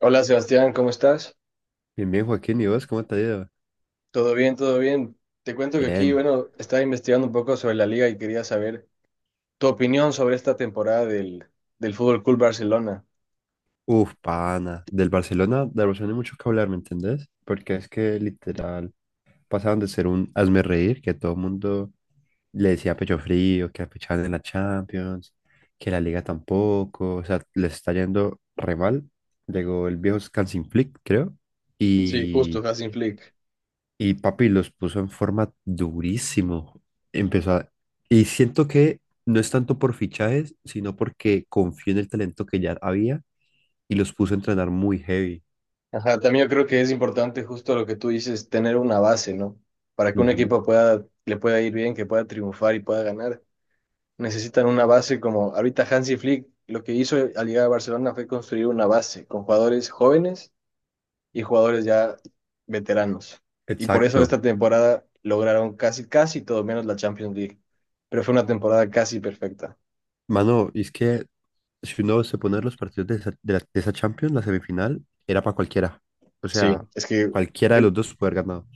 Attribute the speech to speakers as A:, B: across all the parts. A: Hola Sebastián, ¿cómo estás?
B: Bien, bien, Joaquín, ¿y vos cómo te ha ido?
A: ¿Todo bien? ¿Todo bien? Te cuento que aquí,
B: Bien.
A: bueno, estaba investigando un poco sobre la liga y quería saber tu opinión sobre esta temporada del Fútbol Club Barcelona.
B: Uf, pana. Del Barcelona hay mucho que hablar, ¿me entendés? Porque es que literal pasaron de ser un hazme reír, que todo el mundo le decía pecho frío, que apechaban en la Champions, que la Liga tampoco, o sea, les está yendo re mal. Llegó el viejo Hansi Flick, creo,
A: Sí, justo,
B: y
A: Hansi Flick.
B: Y papi los puso en forma durísimo. Empezó a- Y siento que no es tanto por fichajes, sino porque confió en el talento que ya había y los puso a entrenar muy heavy.
A: Ajá, también yo creo que es importante justo lo que tú dices, tener una base, ¿no? Para que un
B: Ujú.
A: equipo pueda, le pueda ir bien, que pueda triunfar y pueda ganar. Necesitan una base como ahorita Hansi Flick lo que hizo al llegar a Barcelona fue construir una base con jugadores jóvenes y jugadores ya veteranos. Y por eso
B: Exacto.
A: esta temporada lograron casi, casi todo menos la Champions League. Pero fue una temporada casi perfecta.
B: Mano, y es que si uno se pone a los partidos de esa Champions, la semifinal, era para cualquiera. O
A: Sí,
B: sea,
A: es que
B: cualquiera de los
A: en-
B: dos puede haber ganado.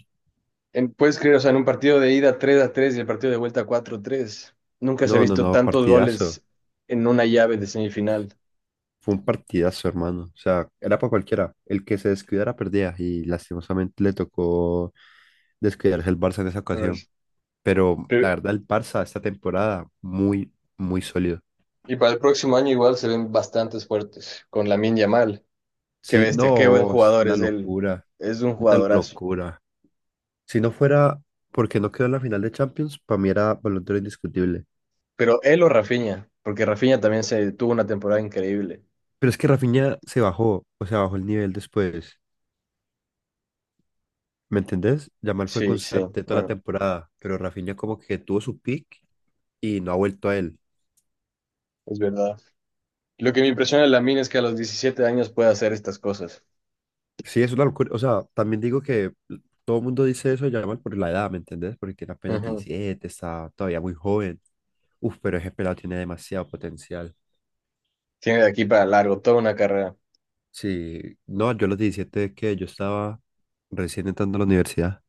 A: puedes creer, o sea, en un partido de ida 3 a 3 y el partido de vuelta 4 a 3, nunca se ha
B: No, no,
A: visto
B: no,
A: tantos
B: partidazo.
A: goles en una llave de semifinal.
B: Fue un partidazo, hermano. O sea, era para cualquiera. El que se descuidara perdía y lastimosamente le tocó descuidarse el Barça en esa
A: A
B: ocasión.
A: ver,
B: Pero la
A: pero-
B: verdad, el Barça esta temporada muy, muy sólido.
A: y para el próximo año igual se ven bastantes fuertes con Lamine Yamal. Qué
B: Sí,
A: bestia, qué buen
B: no, es
A: jugador
B: una
A: es él.
B: locura,
A: Es un
B: una
A: jugadorazo.
B: locura. Si no fuera porque no quedó en la final de Champions, para mí era balón de oro indiscutible.
A: Pero él o Rafinha, porque Rafinha también se tuvo una temporada increíble.
B: Pero es que Rafinha se bajó, o sea, bajó el nivel después. ¿Me entendés? Yamal fue
A: Sí, sí,
B: constante toda la
A: bueno,
B: temporada, pero Rafinha como que tuvo su pick y no ha vuelto a él.
A: es verdad. Lo que me impresiona de Lamine es que a los 17 años puede hacer estas cosas.
B: Sí, es una locura. O sea, también digo que todo el mundo dice eso, ya mal por la edad, ¿me entendés? Porque tiene apenas
A: Ujú.
B: 17, está todavía muy joven. Uf, pero ese pelado tiene demasiado potencial.
A: Tiene de aquí para largo toda una carrera.
B: Sí, no, yo a los 17 es que yo estaba recién entrando a la universidad.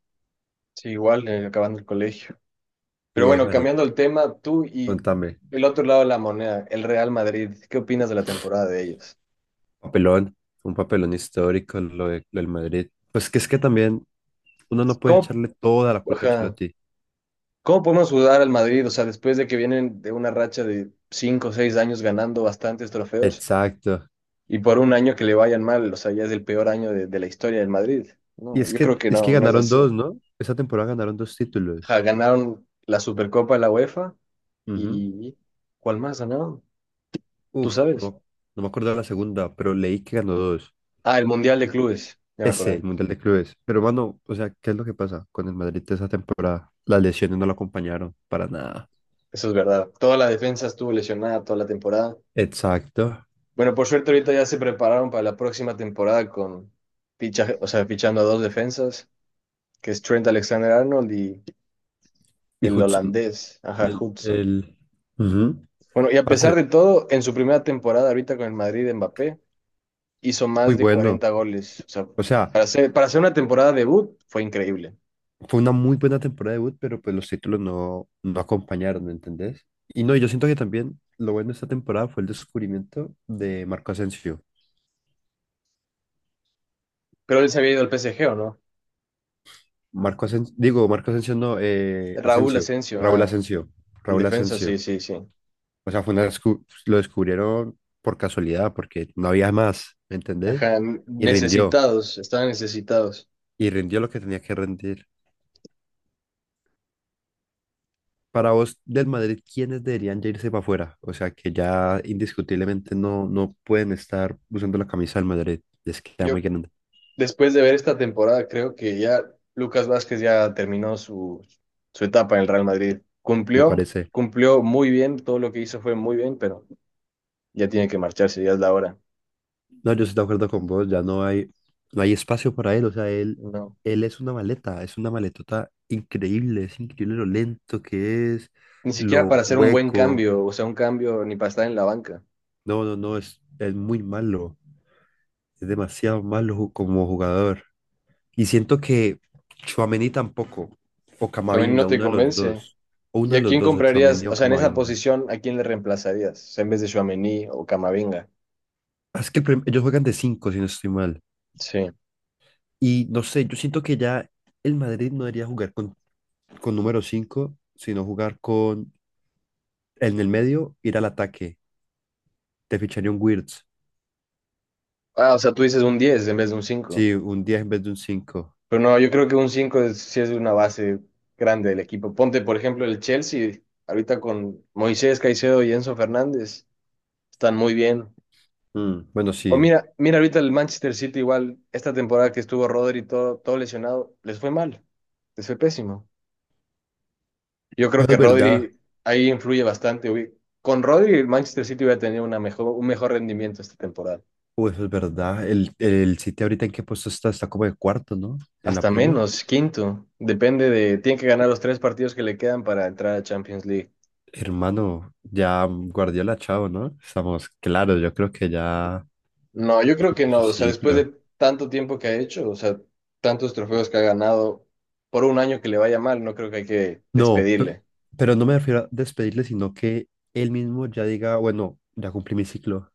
A: Sí, igual, acabando el colegio. Pero
B: Y
A: bueno,
B: Mari,
A: cambiando el tema, tú y
B: contame,
A: el otro lado de la moneda, el Real Madrid, ¿qué opinas de la temporada de ellos?
B: papelón, un papelón histórico, lo del Madrid. Pues que es que también uno no puede
A: ¿Cómo,
B: echarle toda la culpa a
A: ajá,
B: Ancelotti.
A: ¿cómo podemos ayudar al Madrid? O sea, después de que vienen de una racha de 5 o 6 años ganando bastantes trofeos,
B: Exacto.
A: y por un año que le vayan mal, o sea, ya es el peor año de la historia del Madrid.
B: Y
A: No,
B: es
A: yo creo
B: que,
A: que
B: es que
A: no, no es
B: ganaron
A: así.
B: dos, ¿no? Esa temporada ganaron dos
A: Ja,
B: títulos.
A: ganaron la Supercopa de la UEFA y ¿cuál más ganaron? ¿Tú
B: Uf,
A: sabes?
B: no, no me acuerdo de la segunda, pero leí que ganó dos.
A: Ah, el Mundial de Clubes, ya me
B: Ese, el
A: acordé.
B: Mundial de Clubes. Pero, mano, o sea, ¿qué es lo que pasa con el Madrid de esa temporada? Las lesiones no lo acompañaron para nada.
A: Eso es verdad. Toda la defensa estuvo lesionada toda la temporada.
B: Exacto.
A: Bueno, por suerte ahorita ya se prepararon para la próxima temporada con fichando a dos defensas, que es Trent Alexander-Arnold y
B: Y
A: el
B: Hudson,
A: holandés, ajá,
B: el,
A: Hudson.
B: el... Ujú.
A: Bueno, y a
B: Parce,
A: pesar de todo, en su primera temporada ahorita con el Madrid, Mbappé hizo
B: muy
A: más de
B: bueno.
A: 40 goles. O sea,
B: O sea,
A: para hacer una temporada debut fue increíble.
B: fue una muy buena temporada de debut, pero pues los títulos no acompañaron, ¿entendés? Y no, yo siento que también lo bueno de esta temporada fue el descubrimiento de Marco Asensio.
A: Pero él se había ido al PSG, ¿o no?
B: Marco Asensio, digo, Marco Asensio no,
A: Raúl
B: Asensio,
A: Asensio,
B: Raúl
A: ah,
B: Asensio,
A: el
B: Raúl
A: defensa, sí,
B: Asensio.
A: sí, sí.
B: O sea, fue lo descubrieron por casualidad, porque no había más, ¿me entendés?
A: Ajá,
B: Y rindió,
A: estaban necesitados.
B: y rindió lo que tenía que rendir. Para vos, del Madrid, ¿quiénes deberían ya irse para afuera? O sea, que ya indiscutiblemente no pueden estar usando la camisa del Madrid. Les queda
A: Yo,
B: muy grande,
A: después de ver esta temporada, creo que ya Lucas Vázquez ya terminó su etapa en el Real Madrid.
B: me parece.
A: Cumplió muy bien, todo lo que hizo fue muy bien, pero ya tiene que marcharse, ya es la hora.
B: No, yo estoy de acuerdo con vos, ya no hay espacio para él, o sea, él,
A: No.
B: él es una maleta, es una maletota increíble, es increíble lo lento que es,
A: Ni siquiera para
B: lo
A: hacer un buen
B: hueco,
A: cambio, o sea, un cambio ni para estar en la banca.
B: no, no, no, es muy malo, es demasiado malo, como jugador. Y siento que Tchouaméni tampoco, o
A: Tchouaméni no
B: Camavinga,
A: te
B: uno de los
A: convence.
B: dos, o
A: ¿Y
B: uno de
A: a
B: los
A: quién
B: dos, o
A: comprarías?
B: Tchouaméni
A: O
B: o
A: sea, en esa
B: Camavinga.
A: posición, ¿a quién le reemplazarías? O sea, en vez de Tchouaméni o Camavinga.
B: Ah, es que ellos juegan de cinco, si no estoy mal,
A: Sí.
B: y no sé, yo siento que ya el Madrid no debería jugar con número 5, sino jugar con en el medio, ir al ataque. Te ficharía un Wirtz.
A: Ah, o sea, tú dices un 10 en vez de un 5.
B: Sí, un 10 en vez de un 5.
A: Pero no, yo creo que sí es una base grande del equipo. Ponte, por ejemplo, el Chelsea, ahorita con Moisés Caicedo y Enzo Fernández, están muy bien.
B: Mm, bueno,
A: O
B: sí.
A: mira ahorita el Manchester City igual, esta temporada que estuvo Rodri todo lesionado, les fue mal, les fue pésimo. Yo creo
B: Eso
A: que
B: es verdad.
A: Rodri ahí influye bastante, güey. Con Rodri, el Manchester City hubiera tenido un mejor rendimiento esta temporada.
B: Uy, eso es verdad. El City ahorita en qué puesto está, está como de cuarto, ¿no? En la
A: Hasta
B: Premier.
A: menos, quinto. Depende de. Tiene que ganar los tres partidos que le quedan para entrar a Champions League.
B: Hermano, ya Guardiola, chao, ¿no? Estamos, claro, yo creo que ya
A: No, yo creo que
B: cumplió
A: no.
B: su
A: O sea, después
B: ciclo.
A: de tanto tiempo que ha hecho, o sea, tantos trofeos que ha ganado, por un año que le vaya mal, no creo que hay que
B: No, pe-
A: despedirle.
B: pero no me refiero a despedirle, sino que él mismo ya diga, bueno, ya cumplí mi ciclo.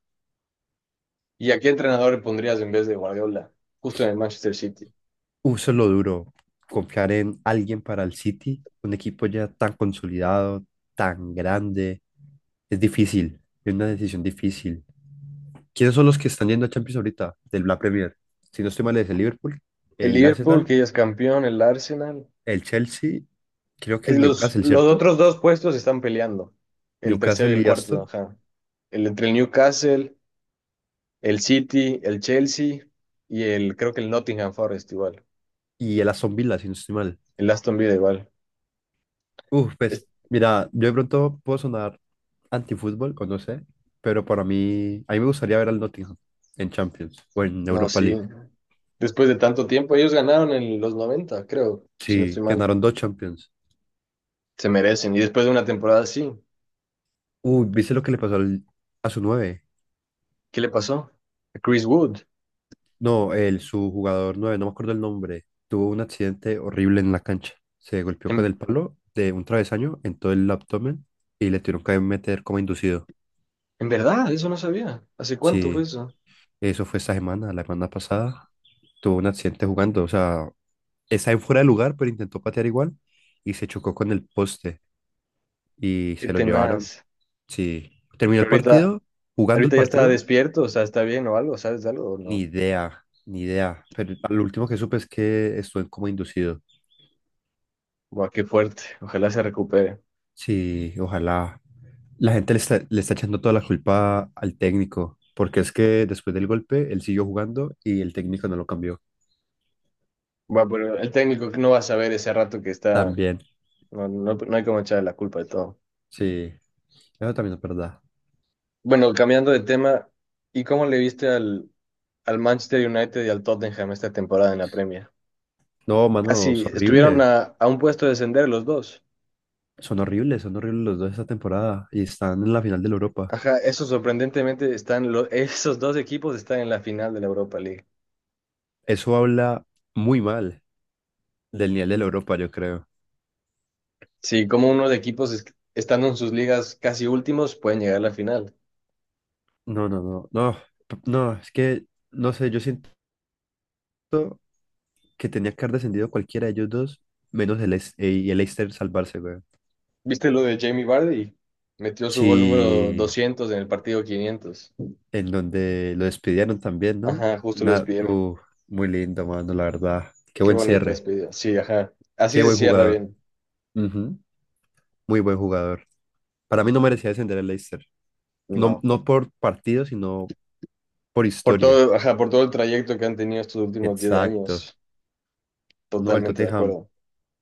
A: ¿Y a qué entrenador le pondrías en vez de Guardiola? Justo en el Manchester City.
B: Uso lo duro, confiar en alguien para el City, un equipo ya tan consolidado, tan grande, es difícil, es una decisión difícil. ¿Quiénes son los que están yendo a Champions ahorita del la Premier? Si no estoy mal, es el Liverpool,
A: El
B: el
A: Liverpool,
B: Arsenal,
A: que ya es campeón, el Arsenal.
B: el Chelsea, creo que
A: Eh,
B: el Newcastle,
A: Los
B: ¿cierto?
A: otros dos puestos están peleando. El tercero y
B: Newcastle
A: el
B: y
A: cuarto,
B: Aston,
A: ajá. El entre el Newcastle, el City, el Chelsea y el, creo que el Nottingham Forest igual.
B: y el Aston Villa, si no estoy mal.
A: El Aston Villa igual.
B: Uf,
A: Es-
B: pues, mira, yo de pronto puedo sonar antifútbol, o no sé, pero para mí, a mí me gustaría ver al Nottingham en Champions o en
A: No,
B: Europa
A: sí.
B: League.
A: Después de tanto tiempo, ellos ganaron en los 90 creo, si no estoy
B: Sí,
A: mal.
B: ganaron dos Champions.
A: Se merecen. Y después de una temporada así,
B: Uy, ¿viste lo que le pasó a su nueve?
A: ¿qué le pasó? A Chris Wood.
B: No, su jugador nueve, no me acuerdo el nombre. Tuvo un accidente horrible en la cancha. Se golpeó con
A: En,
B: el palo de un travesaño en todo el abdomen y le tuvieron que meter como inducido.
A: en verdad, eso no sabía. ¿Hace cuánto fue
B: Sí,
A: eso?
B: eso fue esta semana, la semana pasada. Tuvo un accidente jugando, o sea, está en fuera de lugar, pero intentó patear igual y se chocó con el poste y
A: Qué
B: se lo llevaron.
A: tenaz.
B: Sí, terminó el
A: Pero
B: partido, jugando el
A: ahorita ya está
B: partido,
A: despierto, o sea, está bien o algo, ¿sabes de algo o
B: ni
A: no?
B: idea, ni idea. Pero lo último que supe es que estuvo en coma inducido.
A: Buah, qué fuerte. Ojalá se recupere.
B: Sí, ojalá. La gente le está echando toda la culpa al técnico, porque es que después del golpe él siguió jugando y el técnico no lo cambió.
A: Buah, pero el técnico no va a saber ese rato que está.
B: También,
A: No, no hay como echarle la culpa de todo.
B: sí, eso también es verdad.
A: Bueno, cambiando de tema, ¿y cómo le viste al Manchester United y al Tottenham esta temporada en la Premier?
B: No, mano,
A: Casi
B: es
A: estuvieron
B: horrible.
A: a un puesto de descender los dos.
B: Son horribles los dos esta temporada y están en la final de la Europa.
A: Ajá, eso sorprendentemente esos dos equipos están en la final de la Europa League.
B: Eso habla muy mal del nivel de la Europa, yo creo.
A: Sí, como estando en sus ligas casi últimos pueden llegar a la final.
B: No, no, no, no, no, es que, no sé, yo siento que tenía que haber descendido cualquiera de ellos dos, menos el, Leis- y el Leicester salvarse, güey.
A: ¿Viste lo de Jamie Vardy? Metió su gol número
B: Sí,
A: 200 en el partido 500.
B: en donde lo despidieron también, ¿no?
A: Ajá, justo lo
B: Una-
A: despidieron.
B: uh, Muy lindo, mano, la verdad. Qué
A: Qué
B: buen
A: bonita
B: cierre,
A: despedida. Sí, ajá. Así
B: qué
A: se
B: buen
A: cierra
B: jugador.
A: bien.
B: Ujú. Muy buen jugador. Para mí no merecía descender el Leicester. No,
A: No.
B: no por partido, sino por
A: Por
B: historia.
A: todo, ajá, por todo el trayecto que han tenido estos últimos 10
B: Exacto.
A: años.
B: No, el
A: Totalmente de
B: Tottenham.
A: acuerdo.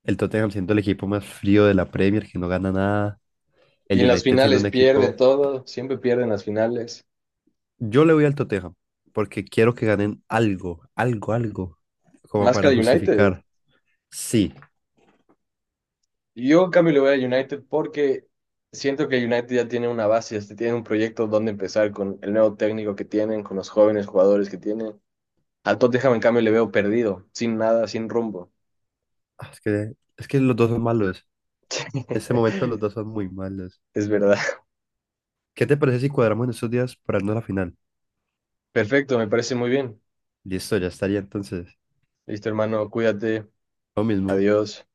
B: El Tottenham siendo el equipo más frío de la Premier, que no gana nada.
A: Y
B: El
A: en las
B: United siendo
A: finales
B: un
A: pierde
B: equipo.
A: todo. Siempre pierden las finales.
B: Yo le voy al Tottenham porque quiero que ganen algo, algo, algo, como
A: Más que a
B: para
A: United.
B: justificar. Sí,
A: Yo, en cambio, le voy a United porque siento que United ya tiene una base, este, tiene un proyecto donde empezar con el nuevo técnico que tienen, con los jóvenes jugadores que tienen. Al Tottenham, en cambio, le veo perdido, sin nada, sin rumbo.
B: ah, es que los dos son malos. En este momento los dos son muy malos.
A: Es verdad.
B: ¿Qué te parece si cuadramos en estos días para irnos a la final?
A: Perfecto, me parece muy bien.
B: Listo, ya estaría entonces.
A: Listo, hermano, cuídate.
B: Lo mismo.
A: Adiós.